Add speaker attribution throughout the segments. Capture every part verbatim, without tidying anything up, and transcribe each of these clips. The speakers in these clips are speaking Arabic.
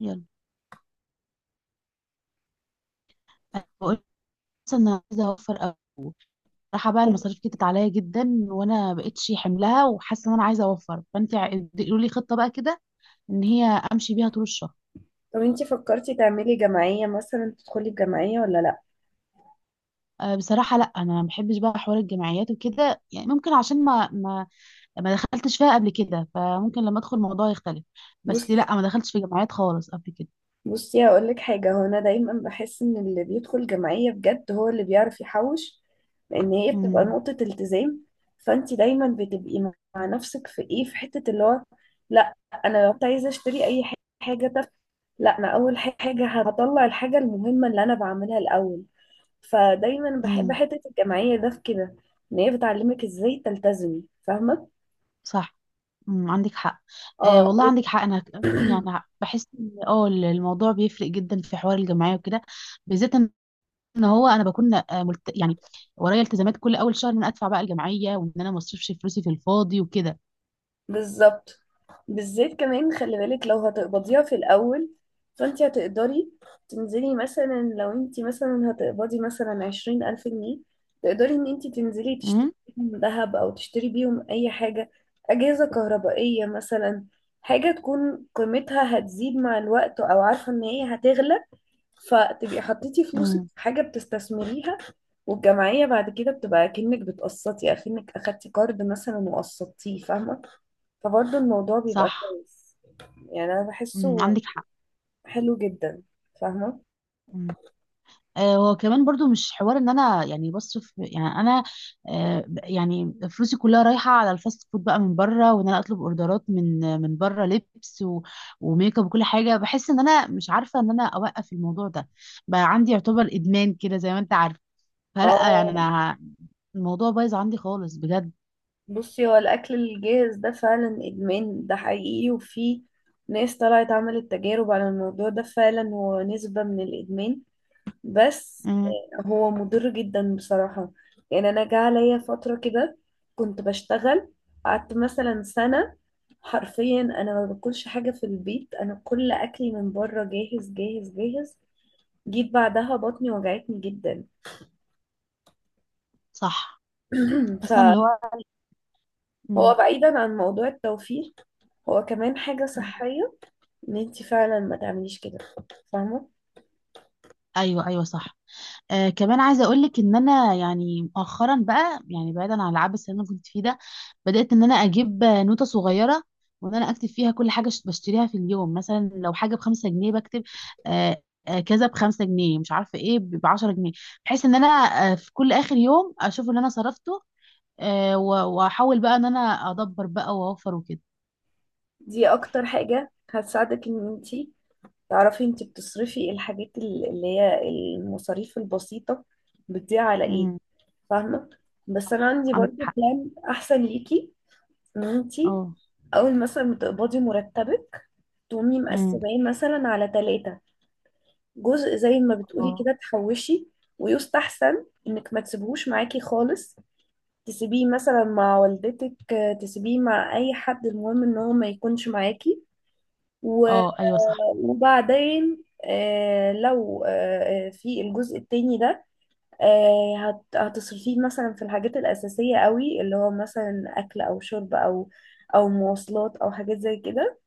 Speaker 1: يلا، أنا بقول بس انا عايزه اوفر قوي. راح بقى المصاريف كترت عليا جدا وانا بقيتش حملها وحاسه ان انا عايزه اوفر، فانت قولي لي خطه بقى كده ان هي امشي بيها طول الشهر.
Speaker 2: طب انتي فكرتي تعملي جمعية مثلا تدخلي في جمعية ولا لا؟
Speaker 1: أه، بصراحه لا، انا ما بحبش بقى حوار الجمعيات وكده، يعني ممكن عشان ما ما ما دخلتش فيها قبل كده، فممكن لما ادخل الموضوع يختلف.
Speaker 2: بص
Speaker 1: بس لا، ما دخلتش في جمعيات خالص قبل كده.
Speaker 2: بصي هقولك حاجة، هو أنا دايما بحس إن اللي بيدخل جمعية بجد هو اللي بيعرف يحوش، لأن هي بتبقى
Speaker 1: امم.
Speaker 2: نقطة التزام. فأنتي دايما بتبقي مع نفسك في إيه، في حتة اللي هو لأ، أنا لو كنت عايزة أشتري أي ح- حاجة تافهة، لأ أنا أول ح- حاجة هطلع الحاجة المهمة اللي أنا بعملها الأول. فدايما بحب
Speaker 1: امم.
Speaker 2: حتة الجمعية ده في كده، إن هي بتعلمك إزاي تلتزمي، فاهمة؟
Speaker 1: صح. امم، عندك حق. أه
Speaker 2: اه
Speaker 1: والله
Speaker 2: و-
Speaker 1: عندك حق. انا يعني بحس ان اه الموضوع بيفرق جدا في حوار الجمعيات. آه، ملت... ورايا التزامات، كل معايا ومش فلوسي في الفرن.
Speaker 2: بالظبط، خلي بالك، لو في الأول تقدري تنزلي مثلا، لو انت مثلا هتقبضي مثلا عشرين ألف جنيه، تقدري ان انت تنزلي تشتري
Speaker 1: امم.
Speaker 2: بيهم ذهب او تشتري بيهم اي حاجة، اجهزة كهربائية مثلا، حاجة تكون قيمتها هتزيد مع الوقت او عارفة ان هي هتغلى، فتبقي حطيتي فلوسك
Speaker 1: امم.
Speaker 2: في حاجة بتستثمريها. والجمعية بعد كده بتبقى كأنك بتقسطي، أكنك أخدتي قرض مثلا وقسطتيه، فاهمة؟ فبرضه الموضوع بيبقى
Speaker 1: صح.
Speaker 2: كويس، يعني أنا
Speaker 1: امم،
Speaker 2: بحسه
Speaker 1: عندك حق.
Speaker 2: حلو جدا، فاهمة؟
Speaker 1: امم. آه، وكمان برضو مش حوار ان انا يعني بصرف، يعني انا آه، ب- يعني فلوسي كلها رايحه على الفاست فود بقى من بره، وان انا اطلب اوردرات من من بره، لبس و- وميك اب وكل حاجه. بحس ان انا مش عارفه ان انا اوقف الموضوع ده، بقى عندي يعتبر ادمان كده زي ما انت عارف. فلا يعني
Speaker 2: اه،
Speaker 1: انا ه- الموضوع بايظ عندي خالص بجد.
Speaker 2: بصي، هو الأكل الجاهز ده فعلا إدمان، ده حقيقي، وفي ناس طلعت عملت تجارب على الموضوع ده، فعلا هو نسبة من الإدمان. بس
Speaker 1: امم.
Speaker 2: آه، هو مضر جدا بصراحة. يعني أنا جه عليا فترة كده كنت بشتغل، قعدت مثلا سنة، حرفيا أنا ما باكلش حاجة في البيت، أنا كل أكلي من بره جاهز جاهز جاهز. جيت بعدها بطني وجعتني جدا.
Speaker 1: صح. اصلا اللي هو.
Speaker 2: فهو بعيدا عن موضوع التوفير، هو كمان حاجة
Speaker 1: امم.
Speaker 2: صحية، ان انت فعلا ما تعمليش كده، فاهمه؟
Speaker 1: ايوه، ايوه، صح. آه كمان عايزه اقول لك ان انا يعني مؤخرا بقى، يعني بعيدا عن العبث اللي انا كنت فيه ده، بدات ان انا اجيب آه، نوته صغيره، وان انا اكتب فيها كل حاجه ش- بشتريها في اليوم. مثلا لو حاجه بخمسة جنيه بكتب. آه آه كذا بخمسة جنيه، مش عارفه ايه، ب عشرة جنيه، بحيث ان انا آه في كل اخر يوم اشوف اللي انا صرفته، آه و- واحاول بقى ان انا ادبر بقى واوفر وكده.
Speaker 2: دي اكتر حاجه هتساعدك، ان انت تعرفي انت بتصرفي الحاجات ال- اللي هي المصاريف البسيطه بتضيع على ايه،
Speaker 1: امم،
Speaker 2: فاهمه؟ بس انا
Speaker 1: صح،
Speaker 2: عندي
Speaker 1: عندك
Speaker 2: برضو
Speaker 1: حق.
Speaker 2: بلان احسن ليكي، ان انت
Speaker 1: اه.
Speaker 2: اول مثلا ما تقبضي مرتبك تقومي
Speaker 1: امم.
Speaker 2: مقسماه مثلا على ثلاثه. جزء زي ما بتقولي
Speaker 1: اه.
Speaker 2: كده تحوشي، ويستحسن انك ما تسيبهوش معاكي خالص، تسيبيه مثلا مع والدتك، آه، تسيبيه مع اي حد، المهم ان هو ما يكونش معاكي. و-
Speaker 1: آه، ايوه، صح.
Speaker 2: وبعدين، آه، لو آه، آه، في الجزء التاني ده آه، هت- هتصرفيه مثلا في الحاجات الأساسية قوي، اللي هو مثلا أكل أو شرب أو أو مواصلات أو حاجات زي كده.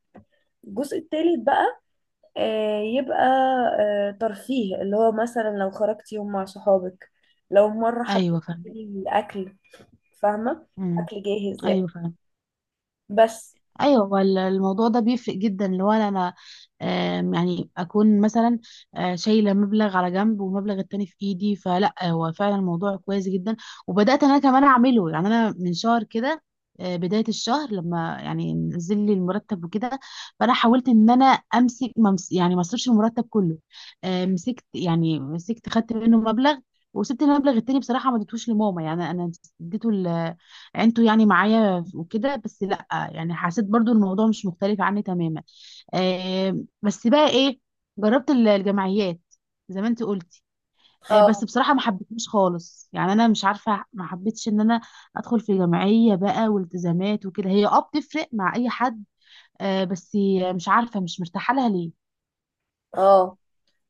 Speaker 2: الجزء التالت بقى آه، يبقى آه، ترفيه، اللي هو مثلا لو خرجتي يوم مع صحابك، لو مرة
Speaker 1: ايوه،
Speaker 2: حبيتي
Speaker 1: فاهمه.
Speaker 2: تجيبي أكل، فاهمة؟
Speaker 1: امم.
Speaker 2: أكل جاهز يعني،
Speaker 1: ايوه، فاهمه.
Speaker 2: بس.
Speaker 1: ايوه، هو ال- الموضوع ده بيفرق جدا لو انا انا آم، يعني اكون مثلا آه، شايله مبلغ على جنب ومبلغ التاني في ايدي، فلا هو فعلا الموضوع كويس جدا. وبدات انا كمان اعمله، يعني انا من شهر كده، آه، بدايه الشهر لما يعني نزل لي المرتب وكده، فانا حاولت ان انا امسك ما امس- يعني ما اصرفش المرتب كله. آه، مسكت، يعني مسكت، خدت منه مبلغ وسبت المبلغ التاني. بصراحه ما اديتهوش لماما، يعني انا اديته انتوا يعني معايا وكده، بس لا يعني حسيت برضو الموضوع مش مختلف عني تماما. آه بس بقى ايه، جربت ال- الجمعيات زي ما انت قلتي. آه بس
Speaker 2: اه،
Speaker 1: بصراحة ما حبيتهاش خالص، يعني انا مش عارفة ما حبيتش ان انا ادخل في جمعية بقى والتزامات وكده. هي اه بتفرق مع اي حد. آه بس مش عارفة مش مرتاحة لها ليه.
Speaker 2: اه،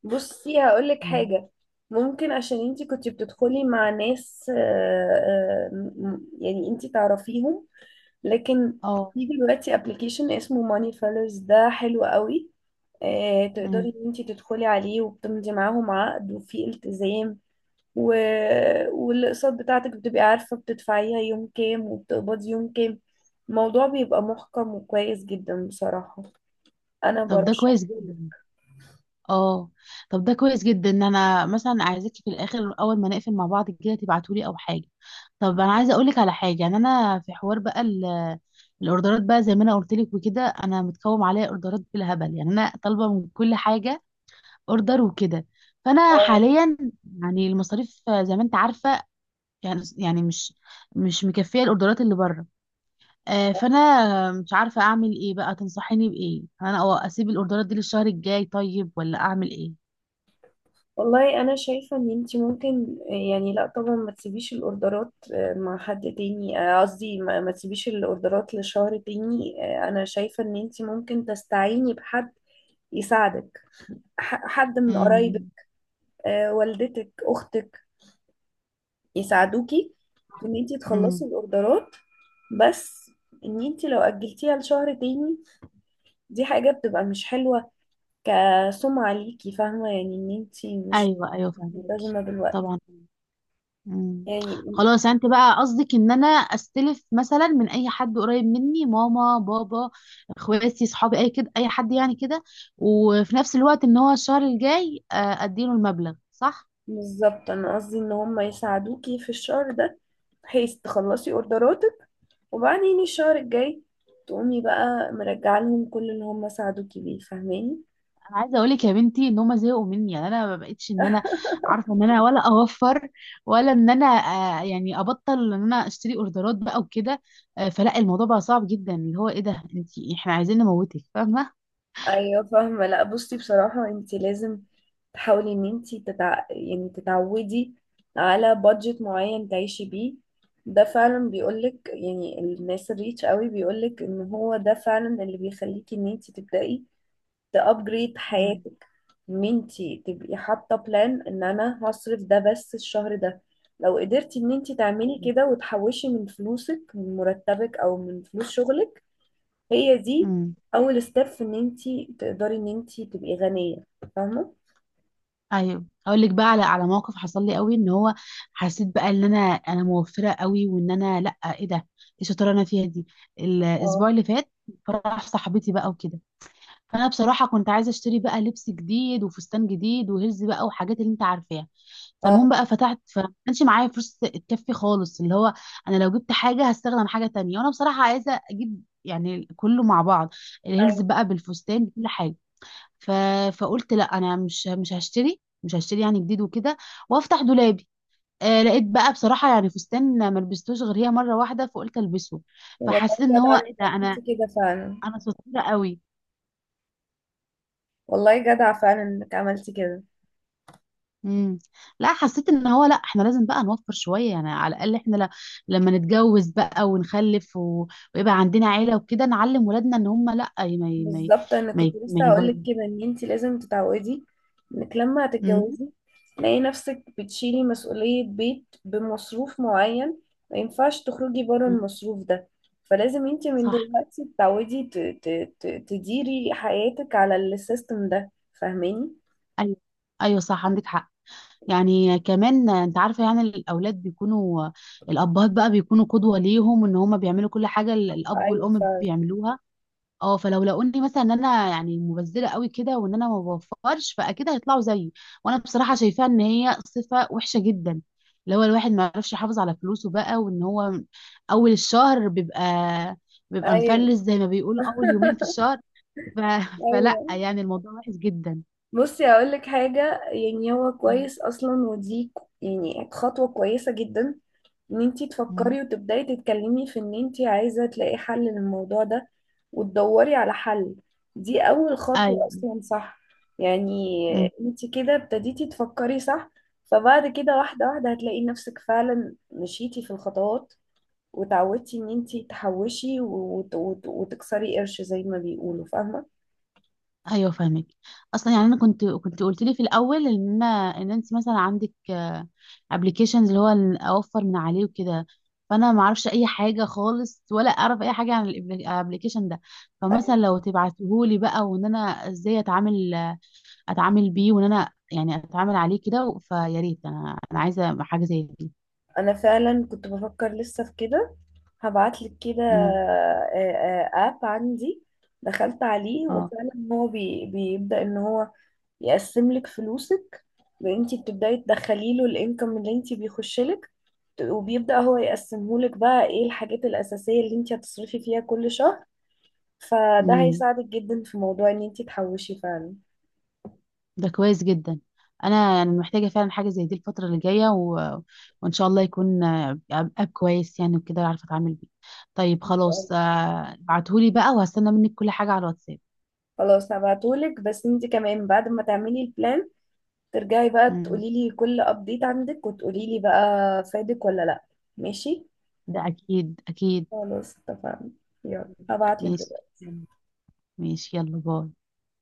Speaker 2: بصي هقولك
Speaker 1: مم.
Speaker 2: حاجة، ممكن عشان انتي كنتي بتدخلي مع ناس، آه، آه، م- م- يعني انتي تعرفيهم، لكن
Speaker 1: اه.
Speaker 2: في دلوقتي ابلكيشن اسمه ماني فيلرز ده حلو قوي. آه، تقدري
Speaker 1: مم.
Speaker 2: ان انتي تدخلي عليه وبتمضي معاهم عقد وفي التزام و... والاقساط بتاعتك بتبقي عارفة بتدفعيها يوم كام وبتقبضي يوم كام. الموضوع بيبقى محكم وكويس جدا بصراحة، انا
Speaker 1: طب ده
Speaker 2: برشحه.
Speaker 1: كويس جدا. اه طب ده كويس جدا ان انا مثلا عايزاكي في الاخر، اول ما نقفل مع بعض كده، تبعتولي او حاجه. طب انا عايزه اقولك على حاجه، يعني انا في حوار بقى ال- الاوردرات بقى، زي ما انا قلت لك وكده، انا متكوم عليا اوردرات بالهبل، يعني انا طالبه من كل حاجه اوردر وكده. فانا
Speaker 2: اه
Speaker 1: حاليا يعني المصاريف زي ما انت عارفه، يعني يعني مش مش مكفيه الاوردرات اللي بره. آه، فانا مش عارفه اعمل ايه بقى. تنصحيني بايه؟ انا أو اسيب الاوردرات دي للشهر الجاي طيب، ولا اعمل ايه؟
Speaker 2: والله، انا شايفه ان انت ممكن، يعني لا طبعا ما تسيبيش الاوردرات آه، مع حد تاني، آه، قصدي ما ما تسيبيش الاوردرات لشهر تاني. آه، انا شايفه ان انت ممكن تستعيني بحد يساعدك، ح- حد من قرايبك،
Speaker 1: امم.
Speaker 2: آه، والدتك، اختك، يساعدوكي في ان انت تخلصي
Speaker 1: امم.
Speaker 2: الاوردرات. بس ان انت لو اجلتيها لشهر تاني دي حاجه بتبقى مش حلوه، كسمعه ليكي، فاهمه؟ يعني ان انت مش
Speaker 1: ايوه، ايوه،
Speaker 2: مش
Speaker 1: فهمك.
Speaker 2: ملتزمه بالوقت
Speaker 1: طبعا. امم.
Speaker 2: يعني.
Speaker 1: خلاص، انت بقى قصدك ان انا استلف مثلا من اي حد قريب مني، ماما، بابا، اخواتي، صحابي، اي كده اي حد يعني كده، وفي نفس الوقت ان هو الشهر الجاي آه، اديله المبلغ، صح؟
Speaker 2: بالظبط، انا قصدي ان هم يساعدوكي في الشهر ده بحيث تخلصي اوردراتك، وبعدين الشهر الجاي تقومي بقى مرجعه لهم كل اللي هم ساعدوكي بيه، فاهماني؟
Speaker 1: انا عايزه اقول لك يا بنتي ان هم زهقوا مني، يعني انا ما بقتش ان انا عارفه ان انا ولا اوفر، ولا ان انا آه يعني ابطل ان انا اشتري اوردرات بقى وكده. آه فلا الموضوع بقى صعب جدا، اللي هو ايه ده، انت احنا عايزين نموتك، فاهمه.
Speaker 2: ايوه، فاهمه، لا بصي بصراحه انت لازم تحاولي ان انت تتع... يعني تتعودي على بادجت معين تعيشي بيه. ده فعلا بيقولك يعني الناس الريتش قوي، بيقولك ان هو ده فعلا اللي بيخليكي ان انت تبدأي تابجريد
Speaker 1: امم.
Speaker 2: حياتك، ان انتي تبقي حاطه بلان، ان انا هصرف ده بس الشهر ده. لو قدرتي ان انتي تعملي
Speaker 1: ايوه.
Speaker 2: كده وتحوشي من فلوسك، من مرتبك او من فلوس شغلك، هي دي
Speaker 1: امم.
Speaker 2: اول ستيب في ان انتي تقدري ان انتي تبقي غنيه، فاهمه؟
Speaker 1: ايوه، اقول لك بقى على على موقف حصل لي قوي، ان هو حسيت بقى ان انا انا موفره قوي، وان انا، لا ايه ده، ايه الشطاره اللي انا فيها دي.
Speaker 2: اه،
Speaker 1: الاسبوع اللي فات فرح صاحبتي بقى وكده، فانا بصراحه كنت عايزه اشتري بقى لبس جديد وفستان جديد وهز بقى وحاجات اللي انت عارفاها. فالمهم
Speaker 2: اه،
Speaker 1: بقى فتحت، فما كانش معايا فلوس تكفي خالص، اللي هو انا لو جبت حاجه هستخدم حاجه تانية، وانا بصراحه عايزه اجيب يعني كله مع بعض، الهيلز
Speaker 2: ايوه،
Speaker 1: بقى بالفستان بكل حاجه. ف... فقلت لا، انا مش مش هشتري، مش هشتري يعني جديد وكده، وافتح دولابي. آه لقيت بقى بصراحه يعني فستان ما لبستوش غير هي مره واحده، فقلت البسه.
Speaker 2: والله
Speaker 1: فحسيت ان
Speaker 2: جدع
Speaker 1: هو
Speaker 2: انك
Speaker 1: ايه ده، انا
Speaker 2: عملتي كده فعلا،
Speaker 1: انا شطوره قوي.
Speaker 2: والله جدع فعلا انك عملتي كده.
Speaker 1: امم. لا، حسيت ان هو لا، احنا لازم بقى نوفر شويه، يعني على الاقل احنا ل... لما نتجوز بقى ونخلف و... ويبقى عندنا عيله وكده، نعلم ولادنا ان هم لا. ما ي... ما ي... ما ي...
Speaker 2: بالظبط، انا
Speaker 1: ما
Speaker 2: كنت
Speaker 1: ي... ما
Speaker 2: لسه هقول
Speaker 1: يبر-
Speaker 2: لك كده، ان انت لازم تتعودي انك لما
Speaker 1: مم.
Speaker 2: هتتجوزي تلاقي نفسك بتشيلي مسؤولية بيت بمصروف معين، ما ينفعش تخرجي بره
Speaker 1: مم.
Speaker 2: المصروف ده، فلازم انت من
Speaker 1: صح.
Speaker 2: دلوقتي تتعودي ت- ت- ت- تديري حياتك على السيستم ده، فاهماني؟
Speaker 1: ايوه، ايوه، صح، عندك حق. يعني كمان انت عارفه يعني الاولاد بيكونوا، الابهات بقى بيكونوا قدوه ليهم، ان هم بيعملوا كل حاجه ال- الاب
Speaker 2: ايوه،
Speaker 1: والام
Speaker 2: فاهم،
Speaker 1: بيعملوها. اه فلو لقوني مثلا ان انا يعني مبذره قوي كده، وان انا ما بوفرش، فاكيد هيطلعوا زيي. وانا بصراحه شايفاها ان هي صفه وحشه جدا، اللي هو الواحد ما يعرفش يحافظ على فلوسه بقى، وان هو اول الشهر بيبقى، بيبقى
Speaker 2: ايوه
Speaker 1: مفلس زي ما بيقولوا اول يومين في الشهر. ف... فلا
Speaker 2: ايوه.
Speaker 1: يعني الموضوع وحش جدا.
Speaker 2: بصي اقول لك حاجه، يعني هو
Speaker 1: مم.
Speaker 2: كويس اصلا، ودي ك- يعني خطوه كويسه جدا ان انتي
Speaker 1: مم.
Speaker 2: تفكري وتبداي تتكلمي في ان انتي عايزه تلاقي حل للموضوع ده وتدوري على حل، دي اول خطوه
Speaker 1: ايوه،
Speaker 2: اصلا، صح؟ يعني انتي كده ابتديتي تفكري، صح؟ فبعد كده واحده واحده هتلاقي نفسك فعلا مشيتي في الخطوات، وتعودتي ان انتي تحوشي وت- وت- وتكسري قرش زي ما بيقولوا، فاهمه؟
Speaker 1: ايوه، فاهمك. اصلا يعني انا كنت كنت قلت لي في الاول ان انا ان انت مثلا عندك ابلكيشنز، اللي هو إن اوفر من عليه وكده. فانا ما اعرفش اي حاجه خالص، ولا اعرف اي حاجه عن الابلكيشن ده. فمثلا
Speaker 2: أيوة.
Speaker 1: لو تبعتهولي بقى، وان انا ازاي اتعامل اتعامل بيه، وان انا يعني اتعامل عليه كده، فيا ريت انا، انا عايزه حاجه زي دي.
Speaker 2: انا فعلا كنت بفكر لسه في كده، هبعتلك كده،
Speaker 1: امم.
Speaker 2: آه، آه، اب عندي دخلت عليه، وفعلا هو بي بيبدأ ان هو يقسم لك فلوسك، انت بتبدأي تدخلي له الانكم اللي انت بيخش لك، وبيبدأ هو يقسمه لك بقى ايه الحاجات الأساسية اللي انت هتصرفي فيها كل شهر، فده
Speaker 1: اه،
Speaker 2: هيساعدك جدا في موضوع ان انت تحوشي فعلا.
Speaker 1: ده كويس جدا. انا يعني محتاجه فعلا حاجه زي دي الفتره اللي جايه و... وان شاء الله يكون آه، اب كويس يعني، وكده اعرف اتعامل بيه. طيب خلاص، آه، ابعتهولي بقى، وهستنى منك كل حاجه على الواتساب.
Speaker 2: خلاص هبعتهولك، بس انت كمان بعد ما تعملي البلان ترجعي بقى
Speaker 1: مم.
Speaker 2: تقولي لي كل ابديت عندك وتقولي لي بقى فادك ولا لا. ماشي،
Speaker 1: ده اكيد، اكيد.
Speaker 2: خلاص اتفقنا، يلا هبعتلك
Speaker 1: ماشي.
Speaker 2: دلوقتي.
Speaker 1: ماشي، يلا باي.